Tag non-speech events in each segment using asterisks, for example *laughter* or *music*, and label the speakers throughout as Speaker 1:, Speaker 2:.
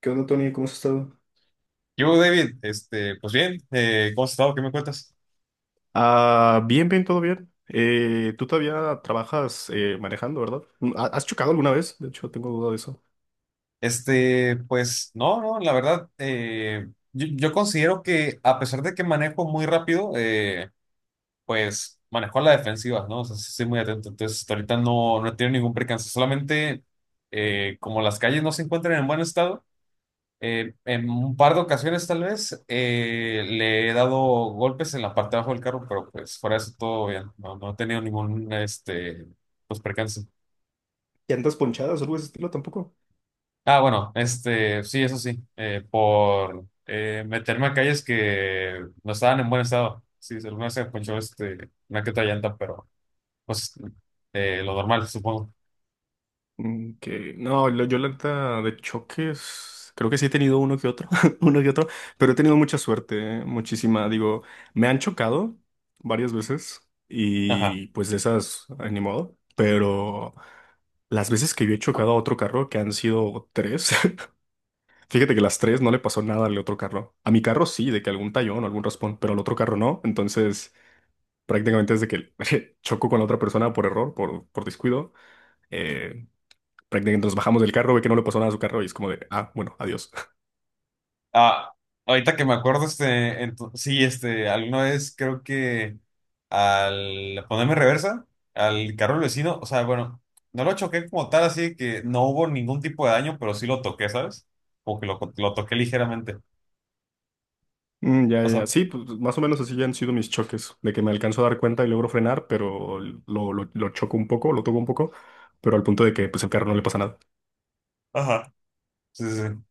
Speaker 1: ¿Qué onda, Tony? ¿Cómo has estado?
Speaker 2: Yo, David, pues bien, ¿cómo has estado? ¿Qué me cuentas?
Speaker 1: Ah, bien, bien, todo bien. Tú todavía trabajas manejando, ¿verdad? ¿Has chocado alguna vez? De hecho, tengo duda de eso.
Speaker 2: Pues no, la verdad, yo considero que a pesar de que manejo muy rápido, pues manejo a la defensiva, ¿no? O sea, sí estoy muy atento. Entonces, hasta ahorita no he tenido ningún percance. Solamente, como las calles no se encuentran en buen estado, en un par de ocasiones tal vez le he dado golpes en la parte de abajo del carro, pero pues fuera de eso todo bien. No, no he tenido ningún, pues percance.
Speaker 1: ¿Llantas ponchadas o algo de ese estilo tampoco?
Speaker 2: Ah, bueno, sí, eso sí, por meterme a calles que no estaban en buen estado. Sí, alguna vez se ponchó una que otra llanta, pero pues lo normal, supongo.
Speaker 1: Que no, yo la neta de choques, creo que sí he tenido uno que otro, *laughs* uno que otro, pero he tenido mucha suerte, muchísima. Digo, me han chocado varias veces
Speaker 2: Ajá.
Speaker 1: y pues de esas, ni modo, pero las veces que yo he chocado a otro carro, que han sido tres. *laughs* Fíjate que las tres no le pasó nada al otro carro. A mi carro sí, de que algún tallón o algún raspón, pero al otro carro no. Entonces, prácticamente desde que *laughs* chocó con la otra persona por error, por descuido, eh, prácticamente nos bajamos del carro, ve que no le pasó nada a su carro y es como de, ah, bueno, adiós. *laughs*
Speaker 2: Ah, ahorita que me acuerdo, sí, alguna vez creo que al ponerme reversa al carro del vecino, o sea, bueno, no lo choqué como tal, así que no hubo ningún tipo de daño, pero sí lo toqué, ¿sabes? Como que lo toqué ligeramente.
Speaker 1: Mm, ya,
Speaker 2: O
Speaker 1: ya.
Speaker 2: sea,
Speaker 1: Sí, pues más o menos así ya han sido mis choques, de que me alcanzo a dar cuenta y logro frenar, pero lo choco un poco, lo toco un poco, pero al punto de que pues el carro no le pasa nada.
Speaker 2: ajá. Sí, sí. Sí.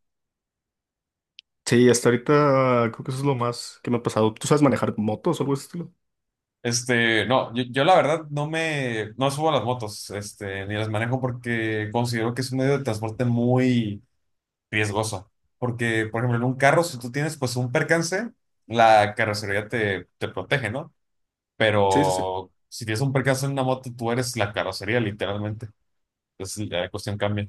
Speaker 1: Sí, hasta ahorita creo que eso es lo más que me ha pasado. ¿Tú sabes manejar motos o algo de ese estilo?
Speaker 2: No, yo la verdad no subo a las motos, ni las manejo porque considero que es un medio de transporte muy riesgoso. Porque, por ejemplo, en un carro, si tú tienes pues un percance, la carrocería te protege, ¿no?
Speaker 1: Sí, sí, sí.
Speaker 2: Pero si tienes un percance en una moto, tú eres la carrocería, literalmente. Entonces la cuestión cambia.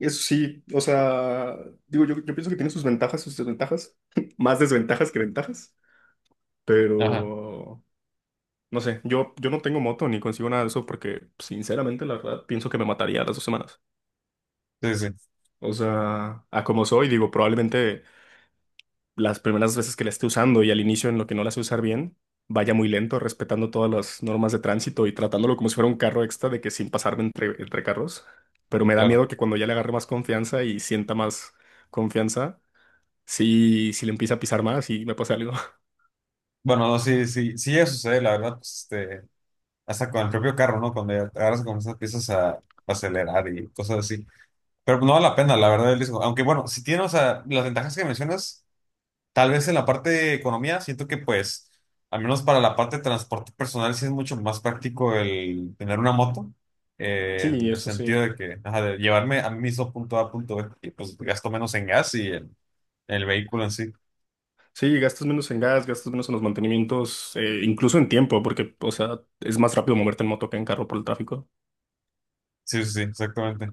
Speaker 1: Eso sí, o sea, digo, yo pienso que tiene sus ventajas, sus desventajas, *laughs* más desventajas que ventajas,
Speaker 2: Ajá,
Speaker 1: pero no sé, yo no tengo moto ni consigo nada de eso porque sinceramente la verdad pienso que me mataría a las 2 semanas.
Speaker 2: sí, sí,
Speaker 1: O sea, a como soy, digo, probablemente las primeras veces que la esté usando y al inicio en lo que no la sé usar bien, vaya muy lento, respetando todas las normas de tránsito y tratándolo como si fuera un carro extra de que sin pasarme entre carros, pero me da
Speaker 2: claro.
Speaker 1: miedo que cuando ya le agarre más confianza y sienta más confianza si le empieza a pisar más y me pasa algo. *laughs*
Speaker 2: Bueno, no, sí, sí, sí, eso sucede, la verdad, pues, hasta con el propio carro, ¿no? Cuando ya te agarras con esas piezas a acelerar y cosas así. Pero no vale la pena, la verdad, el riesgo. Aunque bueno, si tiene, o sea, las ventajas que mencionas, tal vez en la parte de economía, siento que pues, al menos para la parte de transporte personal, sí es mucho más práctico el tener una moto,
Speaker 1: Sí,
Speaker 2: en el
Speaker 1: eso sí.
Speaker 2: sentido de que, ajá, de llevarme a mí mismo punto A, punto B, y pues gasto menos en gas y en el vehículo en sí.
Speaker 1: Sí, gastas menos en gas, gastas menos en los mantenimientos, incluso en tiempo, porque, o sea, es más rápido moverte en moto que en carro por el tráfico.
Speaker 2: Sí, sí, sí, exactamente.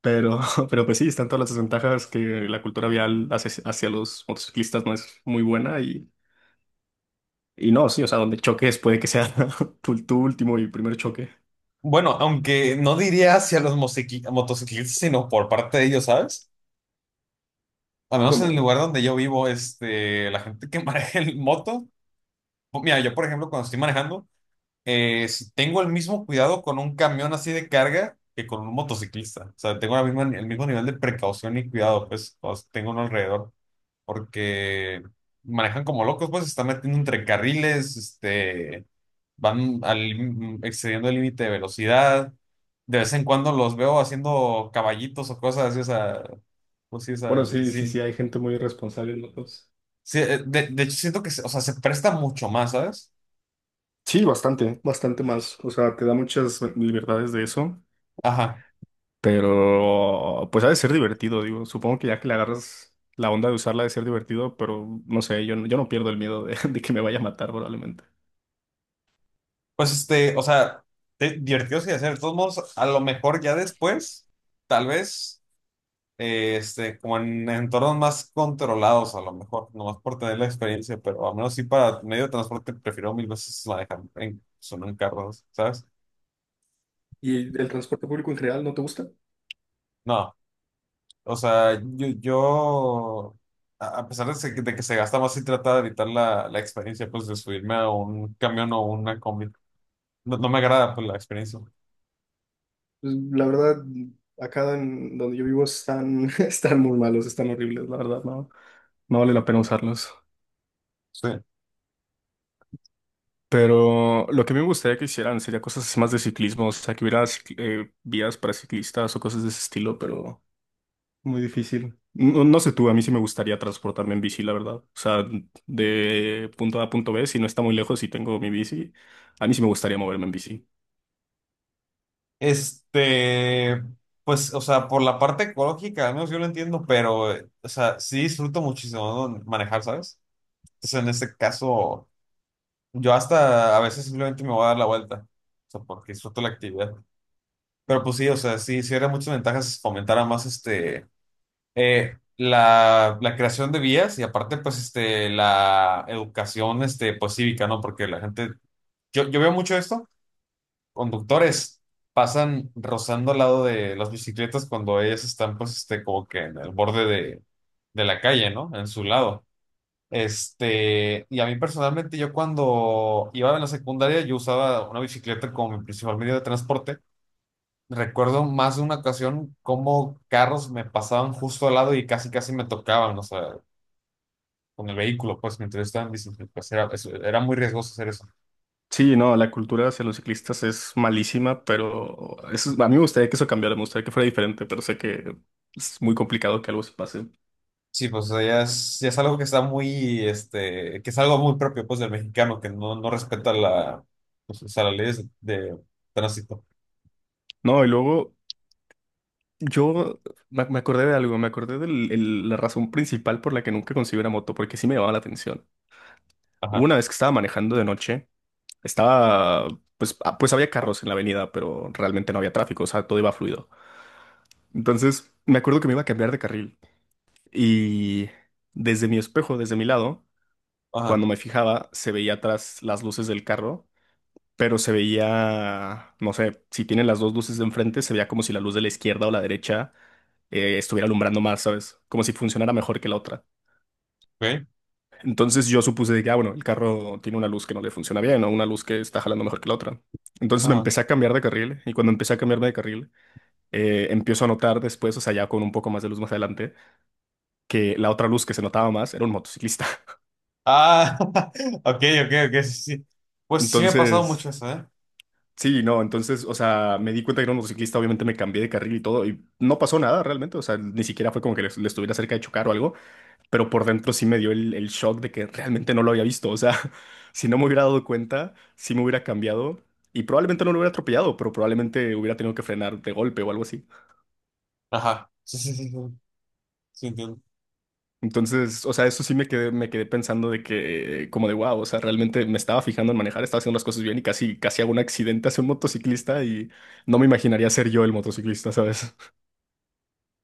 Speaker 1: Pero, *laughs* pero pues sí, están todas las desventajas que la cultura vial hace hacia los motociclistas no es muy buena y no, sí, o sea, donde choques puede que sea *laughs* tu último y primer choque.
Speaker 2: Bueno, aunque no diría hacia los motociclistas, sino por parte de ellos, ¿sabes? Al menos en el
Speaker 1: ¿Cómo?
Speaker 2: lugar donde yo vivo, la gente que *laughs* maneja el moto. Mira, yo por ejemplo cuando estoy manejando, si tengo el mismo cuidado con un camión así de carga que con un motociclista. O sea, tengo la misma, el mismo nivel de precaución y cuidado, pues, cuando tengo uno alrededor, porque manejan como locos, pues, se están metiendo entre carriles, excediendo el límite de velocidad. De vez en cuando los veo haciendo caballitos o cosas así, o sea, pues sí, o sea,
Speaker 1: Bueno, sí, sí,
Speaker 2: sí.
Speaker 1: sí, hay gente muy irresponsable en motos.
Speaker 2: Sí, de hecho siento que, o sea, se presta mucho más, ¿sabes?
Speaker 1: Sí, bastante, bastante más. O sea, te da muchas libertades de eso.
Speaker 2: Ajá.
Speaker 1: Pero pues ha de ser divertido, digo. Supongo que ya que le agarras la onda de usarla ha de ser divertido, pero no sé, yo no pierdo el miedo de, *laughs* de que me vaya a matar probablemente.
Speaker 2: Pues o sea, te- divertidos y hacer. De todos modos, a lo mejor ya después, tal vez, como en entornos más controlados, a lo mejor, nomás por tener la experiencia, pero al menos sí para medio de transporte prefiero mil veces manejar en, solo en carros, ¿sabes?
Speaker 1: ¿Y el transporte público en general no te gusta?
Speaker 2: No, o sea, yo a pesar de, de que se gasta más, sí trata de evitar la, la experiencia, pues, de subirme a un camión o una combi. No, no me agrada, pues, la experiencia.
Speaker 1: Pues, la verdad, acá en donde yo vivo están, *laughs* están muy malos, están horribles, la verdad, no, no vale la pena usarlos.
Speaker 2: Sí.
Speaker 1: Pero lo que me gustaría que hicieran sería cosas más de ciclismo, o sea, que hubiera vías para ciclistas o cosas de ese estilo, pero. Muy difícil. No, no sé tú, a mí sí me gustaría transportarme en bici, la verdad. O sea, de punto A a punto B, si no está muy lejos y tengo mi bici, a mí sí me gustaría moverme en bici.
Speaker 2: Este, pues, o sea, por la parte ecológica, al menos yo lo entiendo, pero, o sea, sí disfruto muchísimo ¿no? manejar, ¿sabes? Entonces, en este caso, yo hasta a veces simplemente me voy a dar la vuelta, o sea, porque disfruto la actividad. Pero pues sí, o sea, sí, sí era muchas ventajas fomentar más, la, la creación de vías y aparte, pues, la educación, pues, cívica, ¿no? Porque la gente, yo veo mucho esto conductores pasan rozando al lado de las bicicletas cuando ellas están, pues, como que en el borde de la calle, ¿no? En su lado. Y a mí personalmente, yo cuando iba en la secundaria, yo usaba una bicicleta como mi principal medio de transporte. Recuerdo más de una ocasión cómo carros me pasaban justo al lado y casi, casi me tocaban, o sea, con el vehículo, pues, mientras yo estaba en bicicleta. Pues, era, era muy riesgoso hacer eso.
Speaker 1: Sí, no, la cultura hacia los ciclistas es malísima, pero a mí me gustaría que eso cambiara, me gustaría que fuera diferente, pero sé que es muy complicado que algo se pase.
Speaker 2: Sí, pues o sea, ya es algo que está muy, que es algo muy propio pues del mexicano, que no respeta la, pues, o sea, las leyes de tránsito.
Speaker 1: No, y luego yo me acordé de algo, me acordé de la razón principal por la que nunca conseguí una moto, porque sí me llamaba la atención. Hubo
Speaker 2: Ajá,
Speaker 1: una vez que estaba manejando de noche, estaba, pues había carros en la avenida, pero realmente no había tráfico, o sea, todo iba fluido. Entonces, me acuerdo que me iba a cambiar de carril y desde mi espejo, desde mi lado,
Speaker 2: ajá,
Speaker 1: cuando me fijaba, se veía atrás las luces del carro, pero se veía, no sé, si tienen las dos luces de enfrente, se veía como si la luz de la izquierda o la derecha estuviera alumbrando más, ¿sabes? Como si funcionara mejor que la otra.
Speaker 2: ok,
Speaker 1: Entonces yo supuse de que, ah, bueno, el carro tiene una luz que no le funciona bien o una luz que está jalando mejor que la otra. Entonces me
Speaker 2: ajá.
Speaker 1: empecé a cambiar de carril y cuando empecé a cambiarme de carril, empiezo a notar después, o sea, ya con un poco más de luz más adelante, que la otra luz que se notaba más era un motociclista. *laughs*
Speaker 2: Ah, *laughs* ok, ok, ok, sí, sí. Pues sí me ha pasado mucho
Speaker 1: Entonces,
Speaker 2: eso, ¿eh?
Speaker 1: sí, no, entonces, o sea, me di cuenta que era un motociclista, obviamente me cambié de carril y todo y no pasó nada realmente, o sea, ni siquiera fue como que le estuviera cerca de chocar o algo. Pero por dentro sí me dio el shock de que realmente no lo había visto. O sea, *laughs* si no me hubiera dado cuenta, sí me hubiera cambiado y probablemente no lo hubiera atropellado, pero probablemente hubiera tenido que frenar de golpe o algo así.
Speaker 2: Ajá, sí, sí, sí, sí, sí, entiendo.
Speaker 1: Entonces, o sea, eso sí me quedé pensando de que, como de wow, o sea, realmente me estaba fijando en manejar, estaba haciendo las cosas bien y casi, casi hago un accidente hacia un motociclista y no me imaginaría ser yo el motociclista, ¿sabes?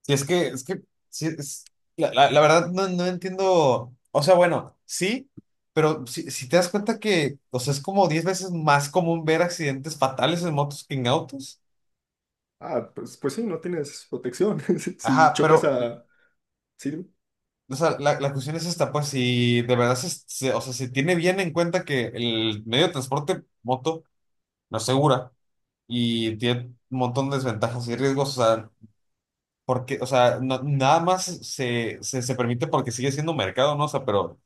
Speaker 2: Sí, es que, sí, es, la verdad no, no entiendo, o sea, bueno, sí, pero si, si te das cuenta que, o sea, es como 10 veces más común ver accidentes fatales en motos que en autos.
Speaker 1: Ah, pues, sí, no tienes protección. *laughs* Si
Speaker 2: Ajá,
Speaker 1: chocas
Speaker 2: pero
Speaker 1: a. Sí.
Speaker 2: o sea, la cuestión es esta, pues si de verdad o sea, se tiene bien en cuenta que el medio de transporte moto no es segura y tiene un montón de desventajas y riesgos, o sea, porque, o sea, nada más se permite porque sigue siendo mercado, ¿no? O sea, pero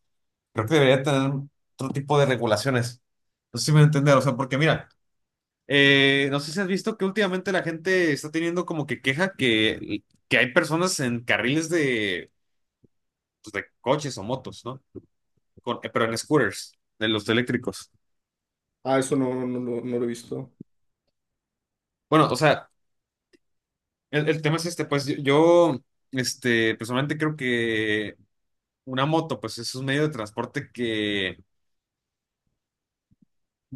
Speaker 2: creo que debería tener otro tipo de regulaciones. No sé si me voy a entender, o sea, porque mira, no sé si has visto que últimamente la gente está teniendo como que queja que hay personas en carriles de, pues, de coches o motos, ¿no? Pero en scooters, de los eléctricos.
Speaker 1: Ah, eso no, no, no, no lo he visto.
Speaker 2: Bueno, o sea, el tema es este, pues yo, personalmente creo que una moto, pues es un medio de transporte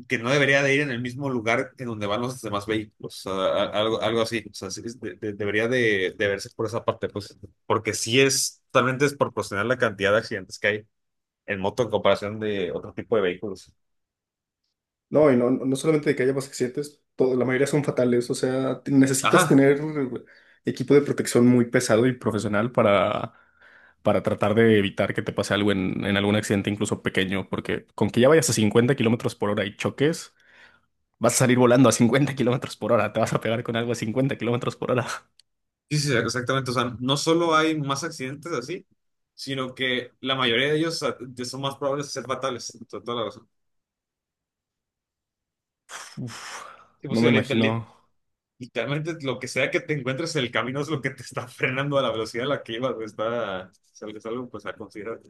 Speaker 2: que no debería de ir en el mismo lugar en donde van los demás vehículos, o sea, algo, algo así, o sea, sí es debería de verse por esa parte, pues, porque sí es totalmente desproporcional la cantidad de accidentes que hay en moto en comparación de otro tipo de vehículos.
Speaker 1: No, y no, no solamente de que haya más accidentes, la mayoría son fatales. O sea, necesitas
Speaker 2: Ajá,
Speaker 1: tener equipo de protección muy pesado y profesional para tratar de evitar que te pase algo en algún accidente, incluso pequeño, porque con que ya vayas a 50 kilómetros por hora y choques, vas a salir volando a 50 kilómetros por hora. Te vas a pegar con algo a 50 kilómetros por hora.
Speaker 2: sí, sí, exactamente. O sea, no solo hay más accidentes así, sino que la mayoría de ellos son más probables de ser fatales. Toda la razón.
Speaker 1: *laughs* Uf,
Speaker 2: Sí, pues,
Speaker 1: no
Speaker 2: sí,
Speaker 1: me imagino.
Speaker 2: literalmente lo que sea que te encuentres en el camino es lo que te está *laughs* frenando a la velocidad a la que ibas. Pues, está, es algo es algo, pues, a considerar.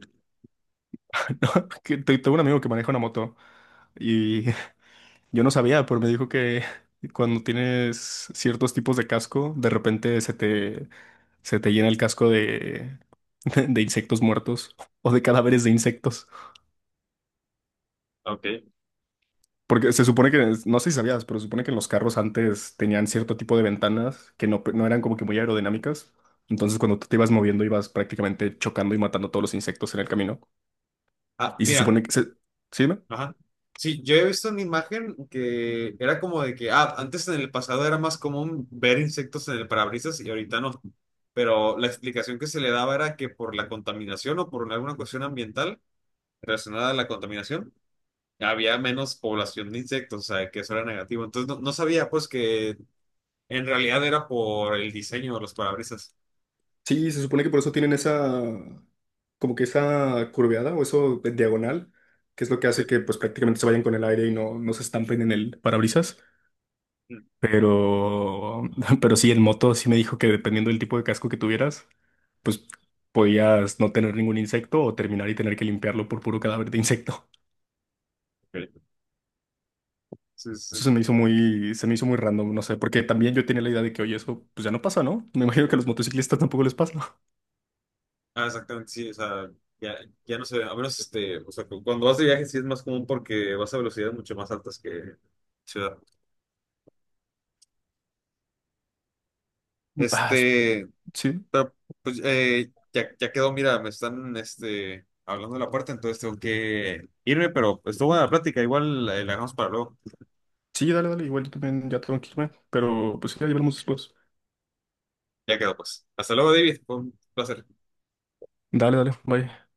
Speaker 1: *laughs* No, que tengo un amigo que maneja una moto y yo no sabía, pero me dijo que *laughs* cuando tienes ciertos tipos de casco, de repente se te llena el casco de, *laughs* de insectos muertos o de cadáveres de insectos.
Speaker 2: Ok.
Speaker 1: Porque se supone que, no sé si sabías, pero se supone que en los carros antes tenían cierto tipo de ventanas que no eran como que muy aerodinámicas. Entonces cuando tú te ibas moviendo ibas prácticamente chocando y matando todos los insectos en el camino.
Speaker 2: Ah,
Speaker 1: Y se
Speaker 2: mira,
Speaker 1: supone que. ¿Sí?
Speaker 2: ajá. Sí, yo he visto una imagen que era como de que, ah, antes en el pasado era más común ver insectos en el parabrisas y ahorita no. Pero la explicación que se le daba era que por la contaminación o por alguna cuestión ambiental relacionada a la contaminación, había menos población de insectos, o sea, que eso era negativo. Entonces no sabía pues que en realidad era por el diseño de los parabrisas.
Speaker 1: Sí, se supone que por eso tienen esa, como que esa curveada o eso de diagonal, que es lo que hace
Speaker 2: Sí.
Speaker 1: que pues prácticamente se vayan con el aire y no se estampen en el parabrisas.
Speaker 2: Mm.
Speaker 1: Pero, *laughs* pero sí, en moto sí me dijo que dependiendo del tipo de casco que tuvieras, pues podías no tener ningún insecto o terminar y tener que limpiarlo por puro cadáver de insecto.
Speaker 2: Ok. Sí, sí.
Speaker 1: Eso se me hizo muy random, no sé, porque también yo tenía la idea de que, oye, eso pues ya no pasa, ¿no? Me imagino que a los motociclistas tampoco les pasa.
Speaker 2: Ah, exactamente, sí, o sea, ya, ya no sé, a menos o sea, cuando vas de viaje sí es más común porque vas a velocidades mucho más altas que ciudad.
Speaker 1: *laughs* Ah,
Speaker 2: Este,
Speaker 1: sí.
Speaker 2: pero pues ya, ya quedó, mira, me están hablando de la puerta, entonces tengo que irme, pero estuvo buena la plática, igual la dejamos para luego.
Speaker 1: Sí, dale, dale, igual yo también ya tengo que irme, pero pues ya, ya hablamos después.
Speaker 2: Ya quedó, pues. Hasta luego, David, fue un placer.
Speaker 1: Dale, dale, bye.